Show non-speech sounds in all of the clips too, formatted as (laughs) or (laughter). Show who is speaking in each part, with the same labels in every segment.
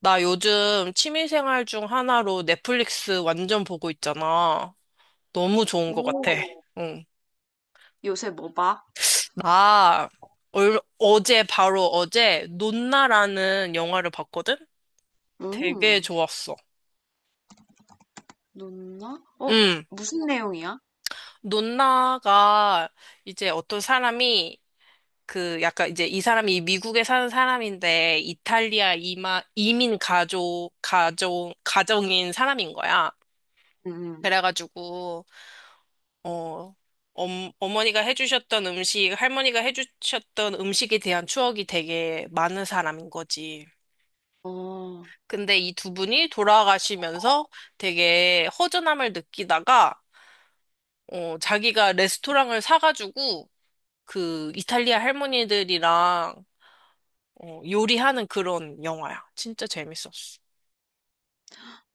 Speaker 1: 나 요즘 취미생활 중 하나로 넷플릭스 완전 보고 있잖아. 너무 좋은 것 같아.
Speaker 2: 오,
Speaker 1: 응.
Speaker 2: 요새 뭐 봐?
Speaker 1: 나 어제 바로 어제 논나라는 영화를 봤거든? 되게
Speaker 2: 음,
Speaker 1: 좋았어.
Speaker 2: 눈나? 어,
Speaker 1: 응.
Speaker 2: 무슨 내용이야?
Speaker 1: 논나가 이제 어떤 사람이 그 약간 이제 이 사람이 미국에 사는 사람인데 이탈리아 이민 가족, 가정인 사람인 거야.
Speaker 2: 음, 음.
Speaker 1: 그래가지고 어, 어머니가 해주셨던 음식, 할머니가 해주셨던 음식에 대한 추억이 되게 많은 사람인 거지.
Speaker 2: 어,
Speaker 1: 근데 이 두 분이 돌아가시면서 되게 허전함을 느끼다가, 어, 자기가 레스토랑을 사가지고 그 이탈리아 할머니들이랑 어, 요리하는 그런 영화야. 진짜 재밌었어.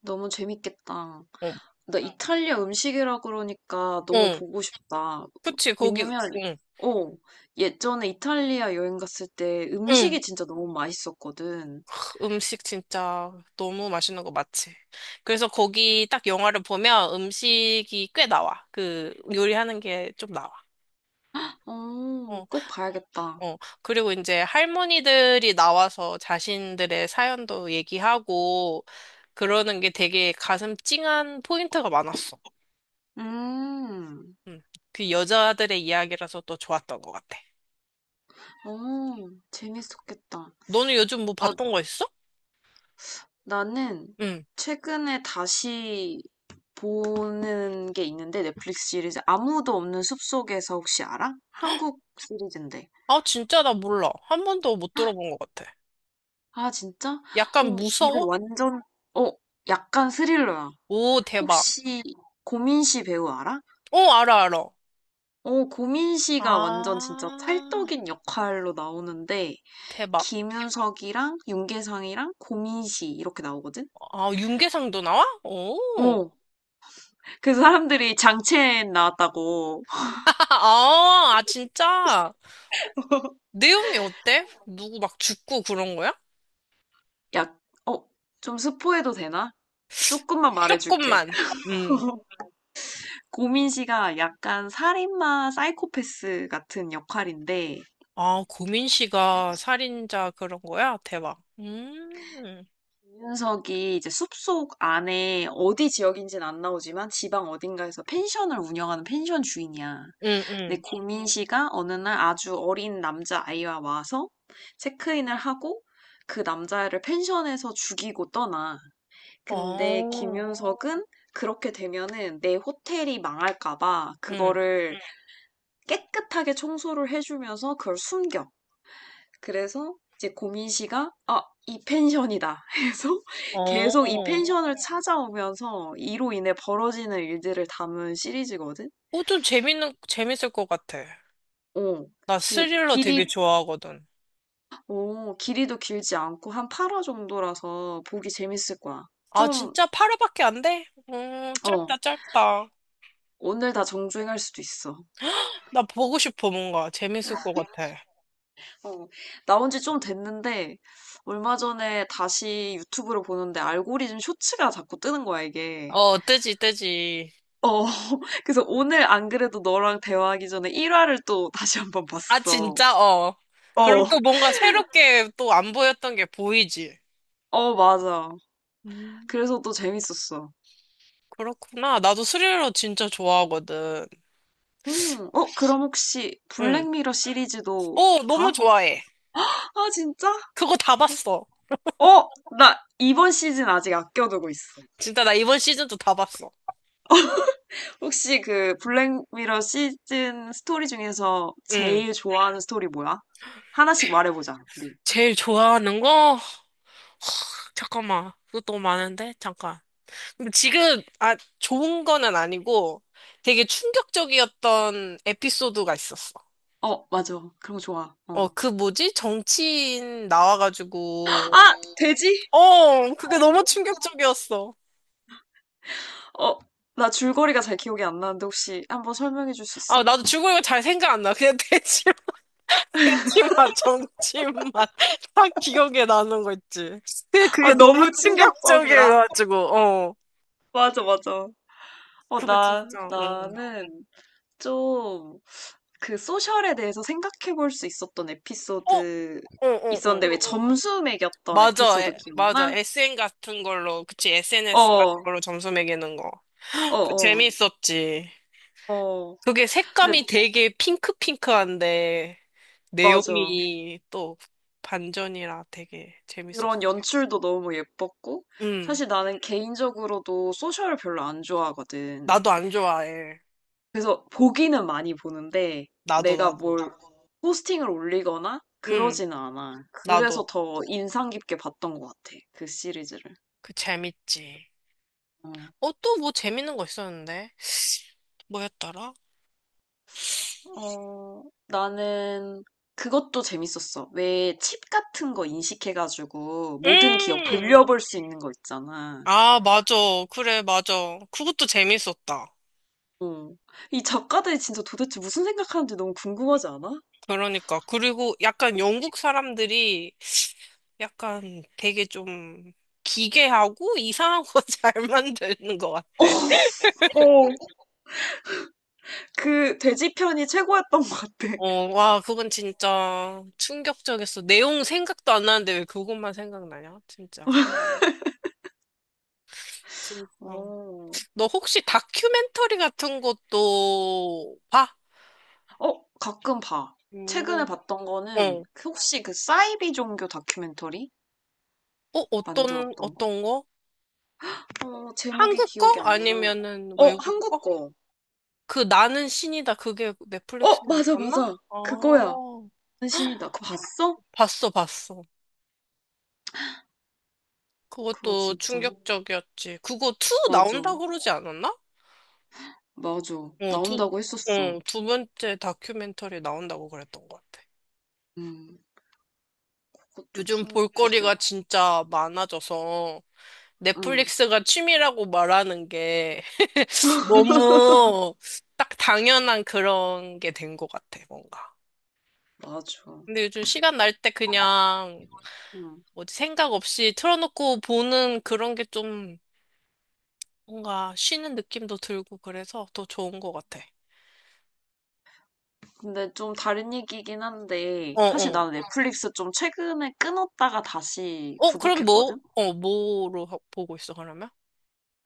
Speaker 2: 너무 재밌겠다.
Speaker 1: 어,
Speaker 2: 나 이탈리아 음식이라 그러니까 너무
Speaker 1: 어,
Speaker 2: 보고 싶다.
Speaker 1: 그치, 거기,
Speaker 2: 왜냐면,
Speaker 1: 응,
Speaker 2: 어, 예전에 이탈리아 여행 갔을 때
Speaker 1: 응.
Speaker 2: 음식이 진짜 너무 맛있었거든.
Speaker 1: 음식 진짜 너무 맛있는 거 맞지? 그래서 거기 딱 영화를 보면 음식이 꽤 나와. 그 요리하는 게 좀 나와.
Speaker 2: 어,
Speaker 1: 어,
Speaker 2: 꼭 봐야겠다.
Speaker 1: 어. 그리고 이제 할머니들이 나와서 자신들의 사연도 얘기하고 그러는 게 되게 가슴 찡한 포인트가 많았어.
Speaker 2: 음,
Speaker 1: 음. 그 여자들의 이야기라서 또 좋았던 것 같아.
Speaker 2: 어, 재밌었겠다.
Speaker 1: 너는 요즘 뭐
Speaker 2: 아,
Speaker 1: 봤던 거 있어?
Speaker 2: 나는
Speaker 1: 응.
Speaker 2: 최근에 다시 보는 게 있는데 넷플릭스 시리즈 아무도 없는 숲속에서 혹시 알아? 한국 시리즈인데.
Speaker 1: 아, 진짜 나 몰라. 한 번도 못 들어본 것 같아.
Speaker 2: 아, 진짜?
Speaker 1: 약간
Speaker 2: 어, 이거
Speaker 1: 무서워?
Speaker 2: 완전 어, 약간 스릴러야.
Speaker 1: 오, 대박.
Speaker 2: 혹시 고민씨 배우 알아?
Speaker 1: 어, 알아, 알아.
Speaker 2: 어, 고민씨가 완전 진짜
Speaker 1: 아,
Speaker 2: 찰떡인 역할로 나오는데
Speaker 1: 대박.
Speaker 2: 김윤석이랑 윤계상이랑 고민씨 이렇게 나오거든?
Speaker 1: 아, 윤계상도 나와? 오.
Speaker 2: 어, 그 사람들이 장첸 나왔다고
Speaker 1: (laughs) 아, 아, 진짜.
Speaker 2: (laughs)
Speaker 1: 내용이 어때? 누구 막 죽고 그런 거야?
Speaker 2: 약, 어, 좀 스포해도 되나? 조금만 말해줄게.
Speaker 1: 조금만. 음.
Speaker 2: 고민 씨가 약간 살인마 사이코패스 같은 역할인데,
Speaker 1: 아, 고민 씨가 살인자 그런 거야? 대박. 음.
Speaker 2: 윤석이 이제 숲속 안에 어디 지역인지는 안 나오지만 지방 어딘가에서 펜션을 운영하는 펜션 주인이야.
Speaker 1: 응,
Speaker 2: 근데
Speaker 1: 응.
Speaker 2: 고민 씨가 어느 날 아주 어린 남자 아이와 와서 체크인을 하고 그 남자애를 펜션에서 죽이고 떠나. 근데
Speaker 1: 어.
Speaker 2: 김윤석은 그렇게 되면은 내 호텔이 망할까봐
Speaker 1: 응.
Speaker 2: 그거를 깨끗하게 청소를 해주면서 그걸 숨겨. 그래서 이제 고민 씨가 아, 이 펜션이다 해서 (laughs) 계속 이
Speaker 1: 어.
Speaker 2: 펜션을 찾아오면서 이로 인해 벌어지는 일들을 담은 시리즈거든.
Speaker 1: 오, 좀 재밌을 것 같아.
Speaker 2: 어.
Speaker 1: 나
Speaker 2: 이
Speaker 1: 스릴러
Speaker 2: 길이
Speaker 1: 되게 좋아하거든.
Speaker 2: 오, 길이도 길지 않고 한 8화 정도라서 보기 재밌을 거야.
Speaker 1: 아,
Speaker 2: 좀,
Speaker 1: 진짜 8화밖에 안 돼? 짧다,
Speaker 2: 어,
Speaker 1: 짧다.
Speaker 2: 오늘 다 정주행할 수도 있어.
Speaker 1: 나 보고 싶어, 뭔가. 재밌을 것 같아.
Speaker 2: 어, 나온 지 좀 됐는데, 얼마 전에 다시 유튜브를 보는데 알고리즘 쇼츠가 자꾸 뜨는 거야, 이게.
Speaker 1: 어, 뜨지, 뜨지.
Speaker 2: 어, (laughs) 그래서 오늘 안 그래도 너랑 대화하기 전에 1화를 또 다시 한번
Speaker 1: 아,
Speaker 2: 봤어.
Speaker 1: 진짜? 어. 그럼
Speaker 2: 어,
Speaker 1: 또 뭔가 새롭게 또 안 보였던 게 보이지?
Speaker 2: 어, 맞아.
Speaker 1: 음,
Speaker 2: 그래서 또 재밌었어.
Speaker 1: 그렇구나. 나도 스릴러 진짜 좋아하거든.
Speaker 2: 어, 그럼 혹시
Speaker 1: 응.
Speaker 2: 블랙미러 시리즈도
Speaker 1: 어, 너무
Speaker 2: 봐?
Speaker 1: 좋아해.
Speaker 2: 아, 진짜?
Speaker 1: 그거 다 봤어.
Speaker 2: 어, 나 이번 시즌 아직 아껴두고 있어.
Speaker 1: 진짜 나 이번 시즌도 다 봤어.
Speaker 2: 혹시 그 블랙미러 시즌 스토리 중에서
Speaker 1: 응.
Speaker 2: 제일 좋아하는 스토리 뭐야? 하나씩 말해보자, 우리.
Speaker 1: 제일 좋아하는 거? 잠깐만. 그것도 많은데? 잠깐. 근데 좋은 거는 아니고 되게 충격적이었던 에피소드가 있었어.
Speaker 2: 어, 맞아. 그런 거 좋아. 어.
Speaker 1: 그 뭐지? 정치인 나와가지고.
Speaker 2: 아, 돼지?
Speaker 1: 어, 그게 너무 충격적이었어.
Speaker 2: 어, 나 줄거리가 잘 기억이 안 나는데 혹시 한번 설명해 줄 수
Speaker 1: 아,
Speaker 2: 있어?
Speaker 1: 나도 줄거리가 잘 생각 안 나. 그냥 (laughs) (laughs) 정치인만 (laughs) 딱 기억에 나는 거 있지. 근데
Speaker 2: 아,
Speaker 1: 그게 너무
Speaker 2: 너무 충격적이라.
Speaker 1: 충격적이어가지고, 어.
Speaker 2: 맞아, 맞아. 어,
Speaker 1: 그거
Speaker 2: 나,
Speaker 1: 진짜, 응.
Speaker 2: 나는 좀 그 소셜에 대해서 생각해 볼 수 있었던
Speaker 1: 어, 어,
Speaker 2: 에피소드
Speaker 1: 어, 어.
Speaker 2: 있었는데 왜 점수 매겼던
Speaker 1: 맞아,
Speaker 2: 에피소드
Speaker 1: 맞아.
Speaker 2: 기억나?
Speaker 1: SN 같은 걸로, 그치, SNS 같은
Speaker 2: 어,
Speaker 1: 걸로 점수 매기는 거.
Speaker 2: 어,
Speaker 1: 그
Speaker 2: 어,
Speaker 1: 재밌었지.
Speaker 2: 어.
Speaker 1: 그게
Speaker 2: 근데
Speaker 1: 색감이 되게 핑크핑크한데,
Speaker 2: 맞아.
Speaker 1: 내용이 또 반전이라 되게 재밌었어.
Speaker 2: 그런 연출도 너무 예뻤고
Speaker 1: 응,
Speaker 2: 사실 나는 개인적으로도 소셜을 별로 안 좋아하거든.
Speaker 1: 나도 안 좋아해.
Speaker 2: 그래서 보기는 많이 보는데
Speaker 1: 나도,
Speaker 2: 내가
Speaker 1: 나도.
Speaker 2: 뭘 포스팅을 올리거나
Speaker 1: 응,
Speaker 2: 그러지는 않아. 그래서
Speaker 1: 나도.
Speaker 2: 더 인상 깊게 봤던 것 같아. 그 시리즈를.
Speaker 1: 그 재밌지.
Speaker 2: 어,
Speaker 1: 어, 또 뭐 재밌는 거 있었는데? 뭐였더라?
Speaker 2: 어, 나는 그것도 재밌었어. 왜 칩 같은 거 인식해가지고 모든 기억
Speaker 1: 음!
Speaker 2: 돌려볼 수 있는 거 있잖아.
Speaker 1: 아, 맞아. 그래, 맞아. 그것도 재밌었다.
Speaker 2: 어. 이 작가들이 진짜 도대체 무슨 생각하는지 너무 궁금하지 않아?
Speaker 1: 그러니까. 그리고 약간 영국 사람들이 약간 되게 좀 기괴하고 이상한 거 잘 (laughs) 만드는 것 같아.
Speaker 2: 어, 그 돼지 편이 최고였던 것 같아.
Speaker 1: 어, 와, 그건 진짜 충격적이었어. 내용 생각도 안 나는데 왜 그것만 생각나냐? 진짜. 진짜.
Speaker 2: 어.
Speaker 1: 너 혹시 다큐멘터리 같은 것도 봐?
Speaker 2: 어, 가끔 봐. 최근에
Speaker 1: 음.
Speaker 2: 봤던 거는
Speaker 1: 어.
Speaker 2: 그 혹시 그 사이비 종교 다큐멘터리
Speaker 1: 어, 어떤,
Speaker 2: 만들었던 거?
Speaker 1: 어떤 거?
Speaker 2: 어, 제목이
Speaker 1: 한국 거?
Speaker 2: 기억이 안 나.
Speaker 1: 아니면은
Speaker 2: 어,
Speaker 1: 외국
Speaker 2: 한국
Speaker 1: 거?
Speaker 2: 거.
Speaker 1: 그 나는 신이다. 그게
Speaker 2: 어,
Speaker 1: 넷플릭스에
Speaker 2: 맞아,
Speaker 1: 있었나?
Speaker 2: 맞아. 그거야.
Speaker 1: 어,
Speaker 2: 신이다. 그거 봤어?
Speaker 1: 봤어, 봤어.
Speaker 2: 그거
Speaker 1: 그것도
Speaker 2: 진짜.
Speaker 1: 충격적이었지. 그거 2
Speaker 2: 맞아,
Speaker 1: 나온다고 그러지 않았나?
Speaker 2: 맞아.
Speaker 1: 어,
Speaker 2: 나온다고 했었어.
Speaker 1: 두 번째 다큐멘터리 나온다고 그랬던 것 같아.
Speaker 2: 음, 그것도
Speaker 1: 요즘 볼거리가
Speaker 2: 충격적이었고.
Speaker 1: 진짜 많아져서
Speaker 2: 응,
Speaker 1: 넷플릭스가 취미라고 말하는 게 (laughs) 너무 딱 당연한 그런 게 된 것 같아, 뭔가.
Speaker 2: 맞아.
Speaker 1: 근데 요즘 시간 날 때 그냥
Speaker 2: 응.
Speaker 1: 뭐지 생각 없이 틀어놓고 보는 그런 게 좀 뭔가 쉬는 느낌도 들고 그래서 더 좋은 것 같아.
Speaker 2: 근데 좀 다른 얘기긴 한데,
Speaker 1: 어,
Speaker 2: 사실
Speaker 1: 어.
Speaker 2: 나는 넷플릭스 좀 최근에 끊었다가 다시
Speaker 1: 어, 그럼
Speaker 2: 구독했거든?
Speaker 1: 뭐로 보고 있어, 그러면?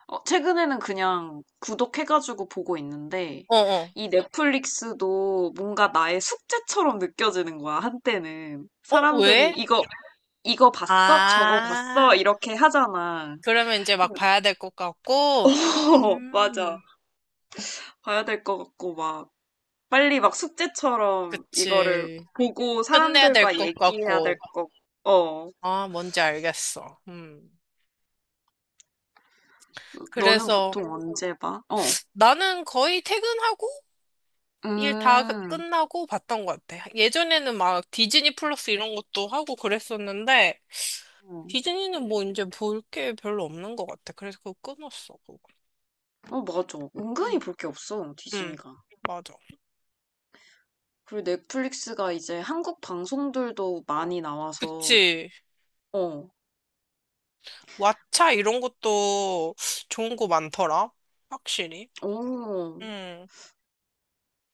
Speaker 2: 어, 최근에는 그냥 구독해가지고 보고 있는데,
Speaker 1: 어, 어.
Speaker 2: 이 넷플릭스도 뭔가 나의 숙제처럼 느껴지는 거야, 한때는.
Speaker 1: 어, 왜?
Speaker 2: 이거 봤어? 저거 봤어?
Speaker 1: 아,
Speaker 2: 이렇게 하잖아.
Speaker 1: 그러면 이제 막
Speaker 2: (laughs)
Speaker 1: 봐야 될 것 같고,
Speaker 2: 어, 맞아.
Speaker 1: 음,
Speaker 2: 봐야 될 것 같고, 막, 빨리 막 숙제처럼 이거를
Speaker 1: 그치.
Speaker 2: 보고
Speaker 1: 끝내야 될
Speaker 2: 사람들과
Speaker 1: 것
Speaker 2: 얘기해야 될
Speaker 1: 같고.
Speaker 2: 것, 어.
Speaker 1: 아, 뭔지 알겠어. 음.
Speaker 2: 너는
Speaker 1: 그래서
Speaker 2: 보통 언제 봐? 어.
Speaker 1: 나는 거의 퇴근하고
Speaker 2: 음.
Speaker 1: 끝나고 봤던 것 같아. 예전에는 막 디즈니 플러스 이런 것도 하고 그랬었는데,
Speaker 2: 어,
Speaker 1: 디즈니는 뭐 이제 볼 게 별로 없는 것 같아. 그래서 그거 끊었어, 그거.
Speaker 2: 어, 맞아. 은근히
Speaker 1: 음.
Speaker 2: 볼 게 없어,
Speaker 1: 음.
Speaker 2: 디즈니가.
Speaker 1: 맞아.
Speaker 2: 그리고 넷플릭스가 이제 한국 방송들도 많이 나와서,
Speaker 1: 그치.
Speaker 2: 어,
Speaker 1: 왓챠 이런 것도 좋은 거 많더라. 확실히.
Speaker 2: 오,
Speaker 1: 응,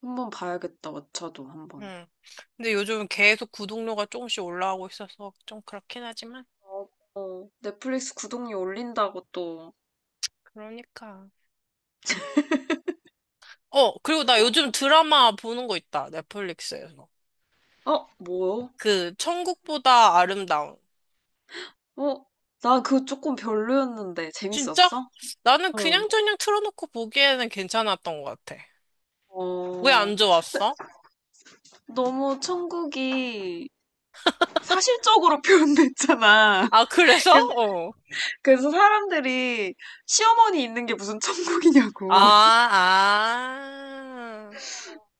Speaker 2: 한번 봐야겠다, 왓챠도 한번.
Speaker 1: 응. 근데 요즘 계속 구독료가 조금씩 올라가고 있어서 좀 그렇긴 하지만.
Speaker 2: 어, 어. 넷플릭스 구독료 올린다고 또,
Speaker 1: 그러니까. 어, 그리고 나 요즘 드라마 보는 거 있다. 넷플릭스에서.
Speaker 2: 어, 뭐요?
Speaker 1: 그, 천국보다 아름다운.
Speaker 2: 어, 나 그거 조금 별로였는데,
Speaker 1: 진짜?
Speaker 2: 재밌었어?
Speaker 1: 나는
Speaker 2: 응.
Speaker 1: 그냥저냥 틀어놓고 보기에는 괜찮았던 것 같아. 왜
Speaker 2: 어,
Speaker 1: 안 좋았어?
Speaker 2: 너무 천국이 사실적으로 (laughs) 표현됐잖아.
Speaker 1: 아, 그래서?
Speaker 2: 그래서,
Speaker 1: 어.
Speaker 2: 그래서 사람들이 시어머니 있는 게 무슨
Speaker 1: 아,
Speaker 2: 천국이냐고. (laughs)
Speaker 1: 아.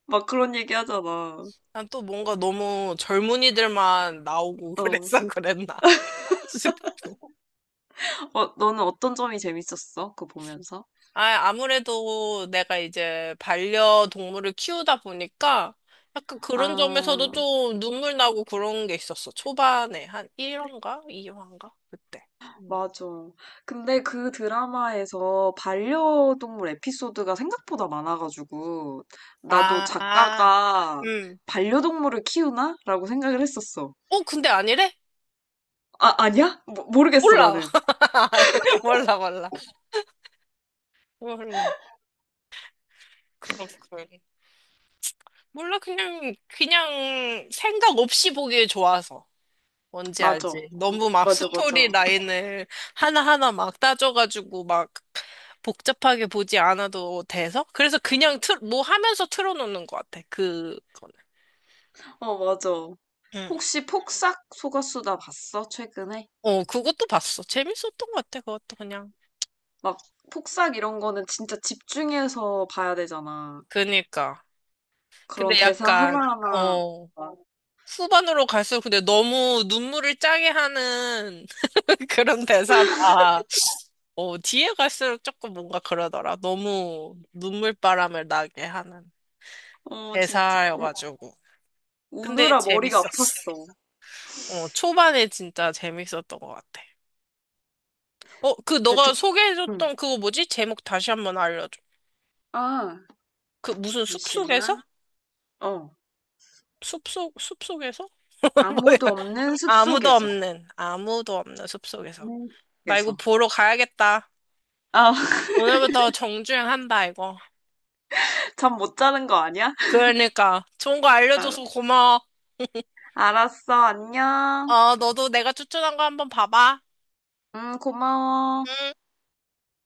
Speaker 2: 막 그런 얘기 하잖아.
Speaker 1: 난 또 뭔가 너무 젊은이들만 나오고 (laughs)
Speaker 2: 어.
Speaker 1: 그랬어, 그랬나 싶어.
Speaker 2: 어, 너는 어떤 점이 재밌었어? 그거 보면서?
Speaker 1: 아, 아무래도 내가 이제 반려동물을 키우다 보니까 약간 그런 점에서도
Speaker 2: 아,
Speaker 1: 좀 눈물 나고 그런 게 있었어. 초반에 한 1화인가? 2화인가? 그때. 음.
Speaker 2: 맞아. 근데 그 드라마에서 반려동물 에피소드가 생각보다 많아가지고, 나도
Speaker 1: 아, 아,
Speaker 2: 작가가
Speaker 1: 음.
Speaker 2: 반려동물을 키우나? 라고 생각을 했었어.
Speaker 1: 어, 근데 아니래?
Speaker 2: 아, 아니야? 모르겠어,
Speaker 1: 몰라.
Speaker 2: 나는.
Speaker 1: (laughs) 몰라, 몰라. 몰라. 그렇군. 몰라, 그냥 생각 없이 보기에 좋아서. 뭔지
Speaker 2: 맞아.
Speaker 1: 알지? 너무 막
Speaker 2: 맞아, 맞아.
Speaker 1: 스토리 라인을 하나하나 막 따져가지고 막 복잡하게 보지 않아도 돼서? 그래서 그냥 뭐 하면서 틀어놓는 것 같아. 그거는.
Speaker 2: 어, 맞아.
Speaker 1: 응.
Speaker 2: 혹시 폭삭 소가수다 봤어? 최근에?
Speaker 1: 어, 그것도 봤어. 재밌었던 것 같아. 그것도 그냥.
Speaker 2: 막, 폭삭 이런 거는 진짜 집중해서 봐야 되잖아.
Speaker 1: 그니까.
Speaker 2: 그런
Speaker 1: 근데
Speaker 2: 대사
Speaker 1: 약간,
Speaker 2: 하나하나.
Speaker 1: 후반으로 갈수록 근데 너무 눈물을 짜게 하는 (laughs) 그런 대사라. 어, 뒤에 갈수록 조금 뭔가 그러더라. 너무 눈물바람을 나게 하는.
Speaker 2: 어, 진짜. 우,
Speaker 1: 대사여가지고. 근데
Speaker 2: 우느라 머리가
Speaker 1: 재밌었어.
Speaker 2: 아팠어.
Speaker 1: 어, 초반에 진짜 재밌었던 것 같아. 어, 그
Speaker 2: 근데
Speaker 1: 너가
Speaker 2: 듣, 응.
Speaker 1: 소개해줬던 그거 뭐지? 제목 다시 한번 알려줘.
Speaker 2: 아,
Speaker 1: 그 무슨 숲속에서?
Speaker 2: 잠시만. 어,
Speaker 1: 숲속에서? (laughs) 뭐야?
Speaker 2: 아무도 없는 숲속에서.
Speaker 1: 아무도 없는 숲속에서.
Speaker 2: 없는
Speaker 1: 나 이거
Speaker 2: 숲속에서.
Speaker 1: 보러 가야겠다.
Speaker 2: 아,
Speaker 1: 오늘부터 정주행한다, 이거.
Speaker 2: (laughs) 잠 못 자는 거 아니야?
Speaker 1: 그러니까. 좋은 거
Speaker 2: 알-
Speaker 1: 알려줘서 고마워.
Speaker 2: 알았어, 안녕.
Speaker 1: 어, 너도 내가 추천한 거 한번 봐봐.
Speaker 2: 고마워.
Speaker 1: 응.